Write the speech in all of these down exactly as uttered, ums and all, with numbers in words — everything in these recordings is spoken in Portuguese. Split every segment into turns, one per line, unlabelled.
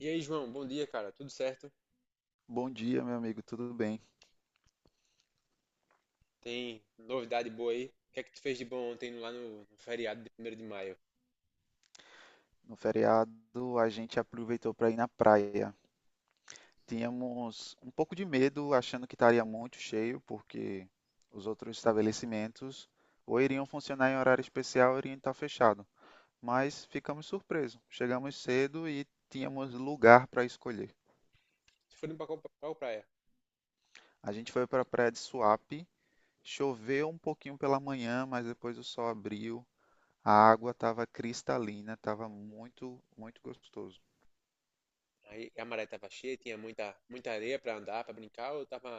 E aí, João, bom dia, cara. Tudo certo?
Bom dia, meu amigo, tudo bem?
Tem novidade boa aí? O que é que tu fez de bom ontem lá no, no feriado de primeiro de maio?
No feriado a gente aproveitou para ir na praia. Tínhamos um pouco de medo, achando que estaria muito cheio, porque os outros estabelecimentos ou iriam funcionar em horário especial ou iriam estar fechado. Mas ficamos surpresos. Chegamos cedo e tínhamos lugar para escolher.
Tu foi pra qual, pra qual praia?
A gente foi para a praia de Suape, choveu um pouquinho pela manhã, mas depois o sol abriu. A água estava cristalina, estava muito, muito gostoso.
Aí a maré tava cheia, tinha muita, muita areia pra andar, pra brincar, ou tava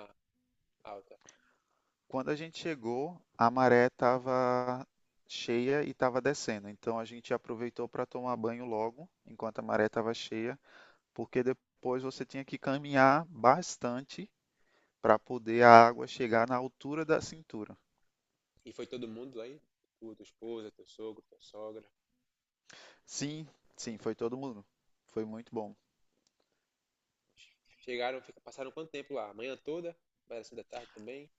alta?
Quando a gente chegou, a maré estava cheia e estava descendo. Então a gente aproveitou para tomar banho logo, enquanto a maré estava cheia, porque depois você tinha que caminhar bastante para poder a água chegar na altura da cintura.
E foi todo mundo lá aí? Tu, tua esposa, teu sogro, tua sogra.
Sim, sim, foi todo mundo. Foi muito bom.
Chegaram, fica- passaram quanto tempo lá? A manhã toda? Parece da tarde também?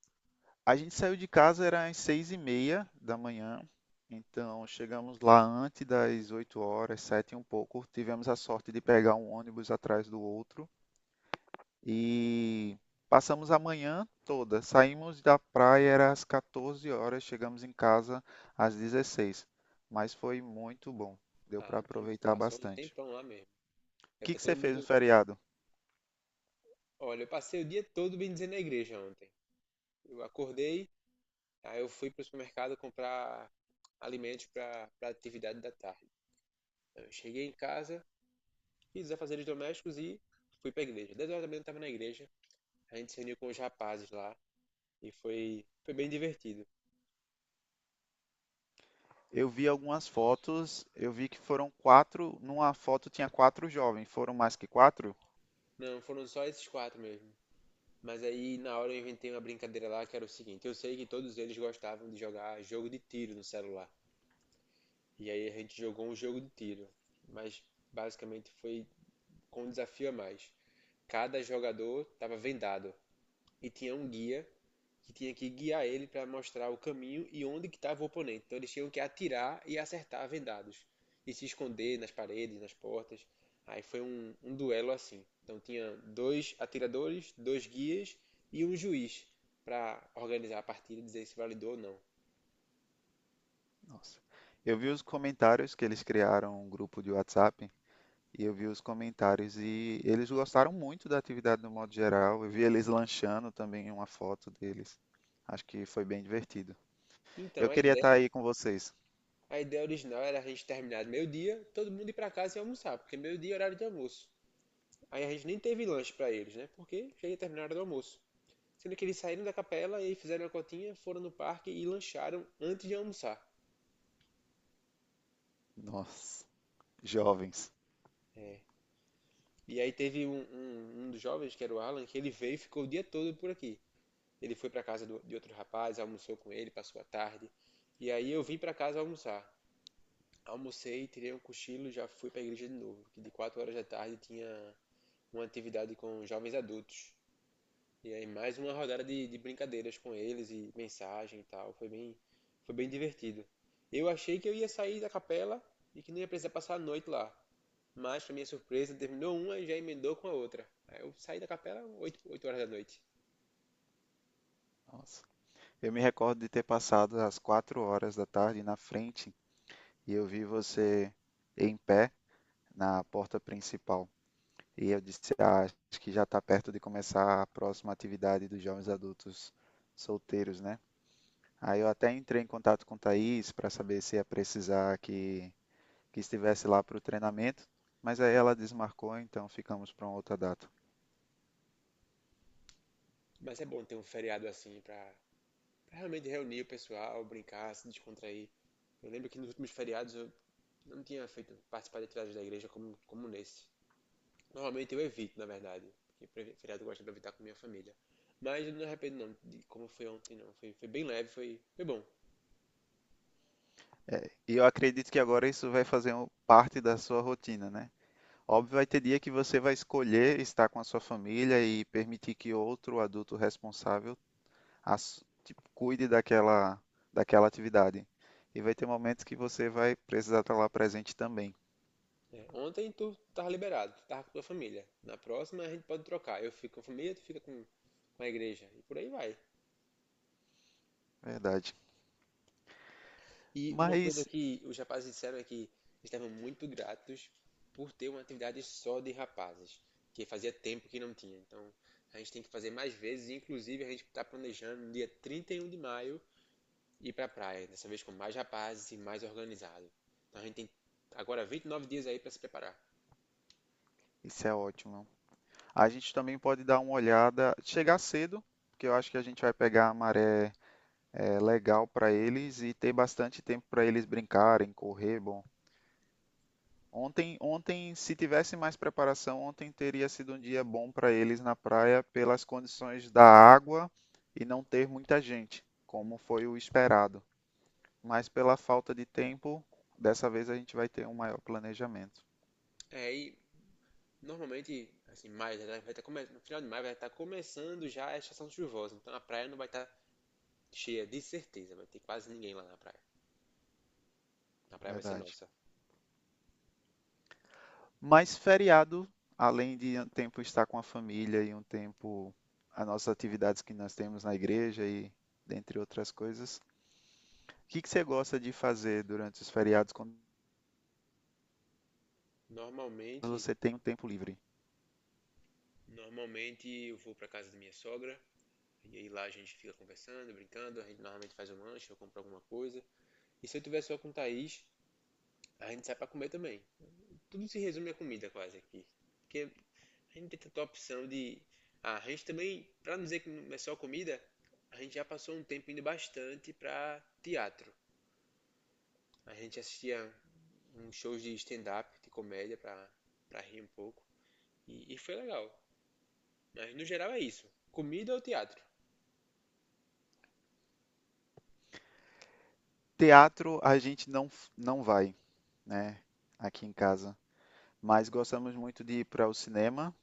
A gente saiu de casa era às seis e meia da manhã, então chegamos lá antes das oito horas, sete e um pouco. Tivemos a sorte de pegar um ônibus atrás do outro. E passamos a manhã toda. Saímos da praia era às quatorze horas, chegamos em casa às dezesseis. Mas foi muito bom. Deu para
Ah, então
aproveitar
passou um
bastante.
tempão
O
lá mesmo. Deve
que
ter
que
todo
você fez no
mundo.
feriado?
Olha, eu passei o dia todo bem dizer na igreja ontem. Eu acordei. Aí eu fui para o supermercado comprar alimentos para a atividade da tarde. Eu cheguei em casa, fiz os afazeres domésticos e fui para a igreja. Dez horas da manhã eu estava na igreja. A gente se reuniu com os rapazes lá e foi, foi bem divertido.
Eu vi algumas fotos, eu vi que foram quatro, numa foto tinha quatro jovens, foram mais que quatro?
Não, foram só esses quatro mesmo. Mas aí na hora eu inventei uma brincadeira lá que era o seguinte: eu sei que todos eles gostavam de jogar jogo de tiro no celular. E aí a gente jogou um jogo de tiro, mas basicamente foi com um desafio a mais. Cada jogador estava vendado e tinha um guia que tinha que guiar ele para mostrar o caminho e onde que estava o oponente. Então eles tinham que atirar e acertar vendados e se esconder nas paredes, nas portas. Aí foi um, um duelo assim. Então tinha dois atiradores, dois guias e um juiz para organizar a partida e dizer se validou ou não.
Nossa. Eu vi os comentários que eles criaram um grupo de WhatsApp. E eu vi os comentários e eles gostaram muito da atividade no modo geral. Eu vi eles lanchando também uma foto deles. Acho que foi bem divertido.
Então
Eu
a
queria estar
ideia,
aí com vocês.
a ideia original era a gente terminar de meio-dia, todo mundo ir para casa e almoçar, porque meio-dia é horário de almoço. Aí a gente nem teve lanche para eles, né? Porque já ia terminar a hora do almoço. Sendo que eles saíram da capela e fizeram a cotinha, foram no parque e lancharam antes de almoçar.
Nossa, jovens.
É. E aí teve um, um, um dos jovens, que era o Alan, que ele veio e ficou o dia todo por aqui. Ele foi pra casa do- de outro rapaz, almoçou com ele, passou a tarde. E aí eu vim pra casa almoçar. Almocei, tirei um cochilo e já fui pra igreja de novo. Que de quatro horas da tarde tinha uma atividade com jovens adultos. E aí mais uma rodada de, de brincadeiras com eles e mensagem e tal. Foi bem, foi bem divertido. Eu achei que eu ia sair da capela e que não ia precisar passar a noite lá. Mas, pra minha surpresa, terminou uma e já emendou com a outra. Aí eu saí da capela oito oito horas da noite.
Nossa. Eu me recordo de ter passado as quatro horas da tarde na frente e eu vi você em pé na porta principal. E eu disse, ah, acho que já está perto de começar a próxima atividade dos jovens adultos solteiros, né? Aí eu até entrei em contato com o Thaís para saber se ia precisar que, que estivesse lá para o treinamento, mas aí ela desmarcou, então ficamos para uma outra data.
Mas é bom ter um feriado assim pra, pra realmente reunir o pessoal, brincar, se descontrair. Eu lembro que nos últimos feriados eu não tinha feito participar de atividades da igreja como, como nesse. Normalmente eu evito, na verdade. Porque pre- feriado eu gosto de evitar com minha família. Mas eu não me arrependo não de como foi ontem, não. Foi, foi bem leve, foi, foi bom.
É, e eu acredito que agora isso vai fazer um- parte da sua rotina, né? Óbvio, vai ter dia que você vai escolher estar com a sua família e permitir que outro adulto responsável ass- tipo, cuide daquela, daquela atividade. E vai ter momentos que você vai precisar estar lá presente também,
Né? Ontem tu tava liberado, tu tava com tua família. Na próxima a gente pode trocar. Eu fico com a família, tu fica com, com a igreja. E por aí vai.
verdade.
E uma coisa
Mas
que os rapazes disseram é que estavam muito gratos por ter uma atividade só de rapazes. Que fazia tempo que não tinha. Então a gente tem que fazer mais vezes. Inclusive a gente está planejando no dia trinta e um de maio ir pra praia, dessa vez com mais rapazes e mais organizado. Então a gente tem agora vinte e nove dias aí pra se preparar.
isso é ótimo. A gente também pode dar uma olhada, chegar cedo, porque eu acho que a gente vai pegar a maré é, legal para eles e ter bastante tempo para eles brincarem, correr, bom. Ontem, ontem, se tivesse mais preparação, ontem teria sido um dia bom para eles na praia pelas condições da água e não ter muita gente, como foi o esperado. Mas pela falta de tempo, dessa vez a gente vai ter um maior planejamento,
É, e normalmente, assim, maio já tá, vai estar começando, no final de maio vai estar começando já a estação chuvosa, então a praia não vai estar cheia, de certeza, vai ter quase ninguém lá na praia. A praia vai ser
verdade.
nossa.
Mas feriado, além de um tempo estar com a família e um tempo as nossas atividades que nós temos na igreja e dentre outras coisas, o que que você gosta de fazer durante os feriados quando
Normalmente,
você tem um tempo livre?
normalmente eu vou pra casa da minha sogra, e aí lá a gente fica conversando, brincando, a gente normalmente faz um lanche ou compra alguma coisa. E se eu tiver só com o Thaís, a gente sai pra comer também. Tudo se resume à comida quase aqui. Porque a gente tem tanta opção de. Ah, a gente também, para não dizer que não é só comida, a gente já passou um tempo indo bastante para teatro. A gente assistia uns shows de stand-up, de comédia, para para rir um pouco. E, e foi legal. Mas no geral é isso. Comida ou teatro?
Teatro a gente não f- não vai, né, aqui em casa, mas gostamos muito de ir para o cinema.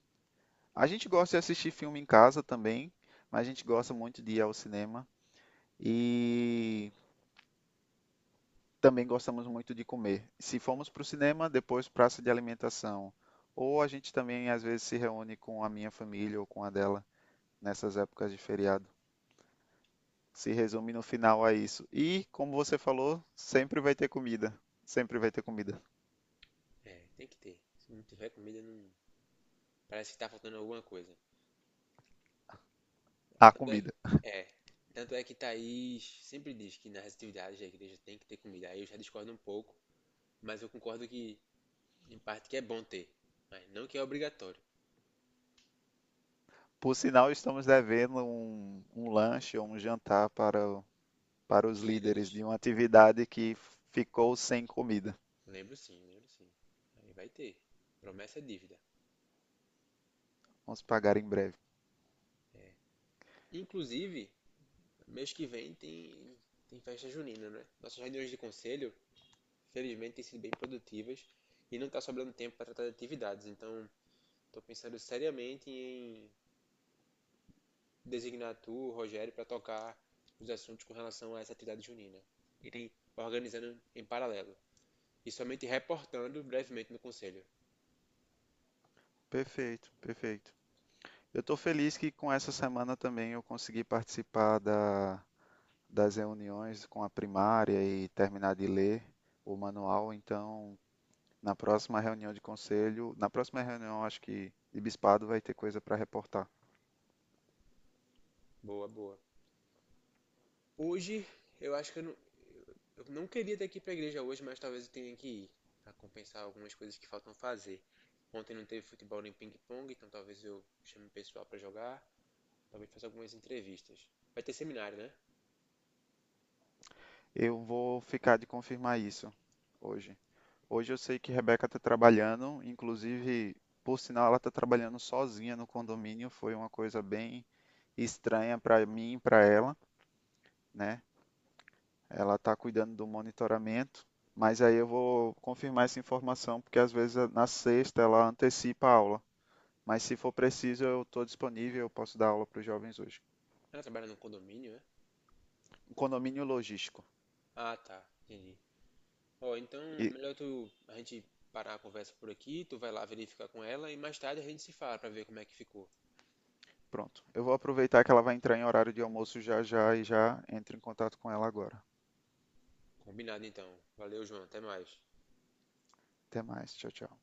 A gente gosta de assistir filme em casa também, mas a gente gosta muito de ir ao cinema. E também gostamos muito de comer. Se formos para o cinema, depois praça de alimentação. Ou a gente também às vezes se reúne com a minha família ou com a dela nessas épocas de feriado. Se resume no final a isso. E, como você falou, sempre vai ter comida. Sempre vai ter comida.
É, tem que ter. Se não tiver comida, não, parece que tá faltando alguma coisa.
A
Tanto é,
comida.
é, tanto é que Thaís sempre diz que nas atividades da igreja tem que ter comida. Aí eu já discordo um pouco, mas eu concordo que em parte que é bom ter, mas não que é obrigatório.
Por sinal, estamos devendo um, um lanche ou um jantar para, o- para os
Os líderes.
líderes de uma atividade que ficou sem comida.
Lembro sim, lembro sim. Aí vai ter. Promessa é dívida.
Vamos pagar em breve.
Inclusive, mês que vem tem, tem festa junina, né? Nossas reuniões de conselho, felizmente, têm sido bem produtivas e não está sobrando tempo para tratar de atividades. Então, estou pensando seriamente em designar tu, Rogério, para tocar os assuntos com relação a essa atividade junina. Irem organizando em paralelo e somente reportando brevemente no conselho.
Perfeito, perfeito. Eu estou feliz que com essa semana também eu consegui participar da- das reuniões com a primária e terminar de ler o manual. Então, na próxima reunião de conselho, na próxima reunião, acho que de bispado vai ter coisa para reportar.
Boa, boa. Hoje, eu acho que eu não, eu não queria ter que ir pra igreja hoje, mas talvez eu tenha que ir pra compensar algumas coisas que faltam fazer. Ontem não teve futebol nem ping-pong, então talvez eu chame o pessoal pra jogar, talvez faça algumas entrevistas. Vai ter seminário, né?
Eu vou ficar de confirmar isso hoje. Hoje eu sei que Rebeca está trabalhando, inclusive, por sinal, ela está trabalhando sozinha no condomínio. Foi uma coisa bem estranha para mim e para ela, né? Ela está cuidando do monitoramento, mas aí eu vou confirmar essa informação, porque às vezes eh, na sexta ela antecipa a aula. Mas se for preciso, eu estou disponível, eu posso dar aula para os jovens hoje.
Ela trabalha num condomínio, né?
Um condomínio logístico.
Ah, tá, entendi. Ó, então
E
melhor tu a gente parar a conversa por aqui, tu vai lá verificar com ela e mais tarde a gente se fala pra ver como é que ficou.
pronto. Eu vou aproveitar que ela vai entrar em horário de almoço já já e já entro em contato com ela agora.
Combinado então. Valeu, João, até mais.
Até mais. Tchau, tchau.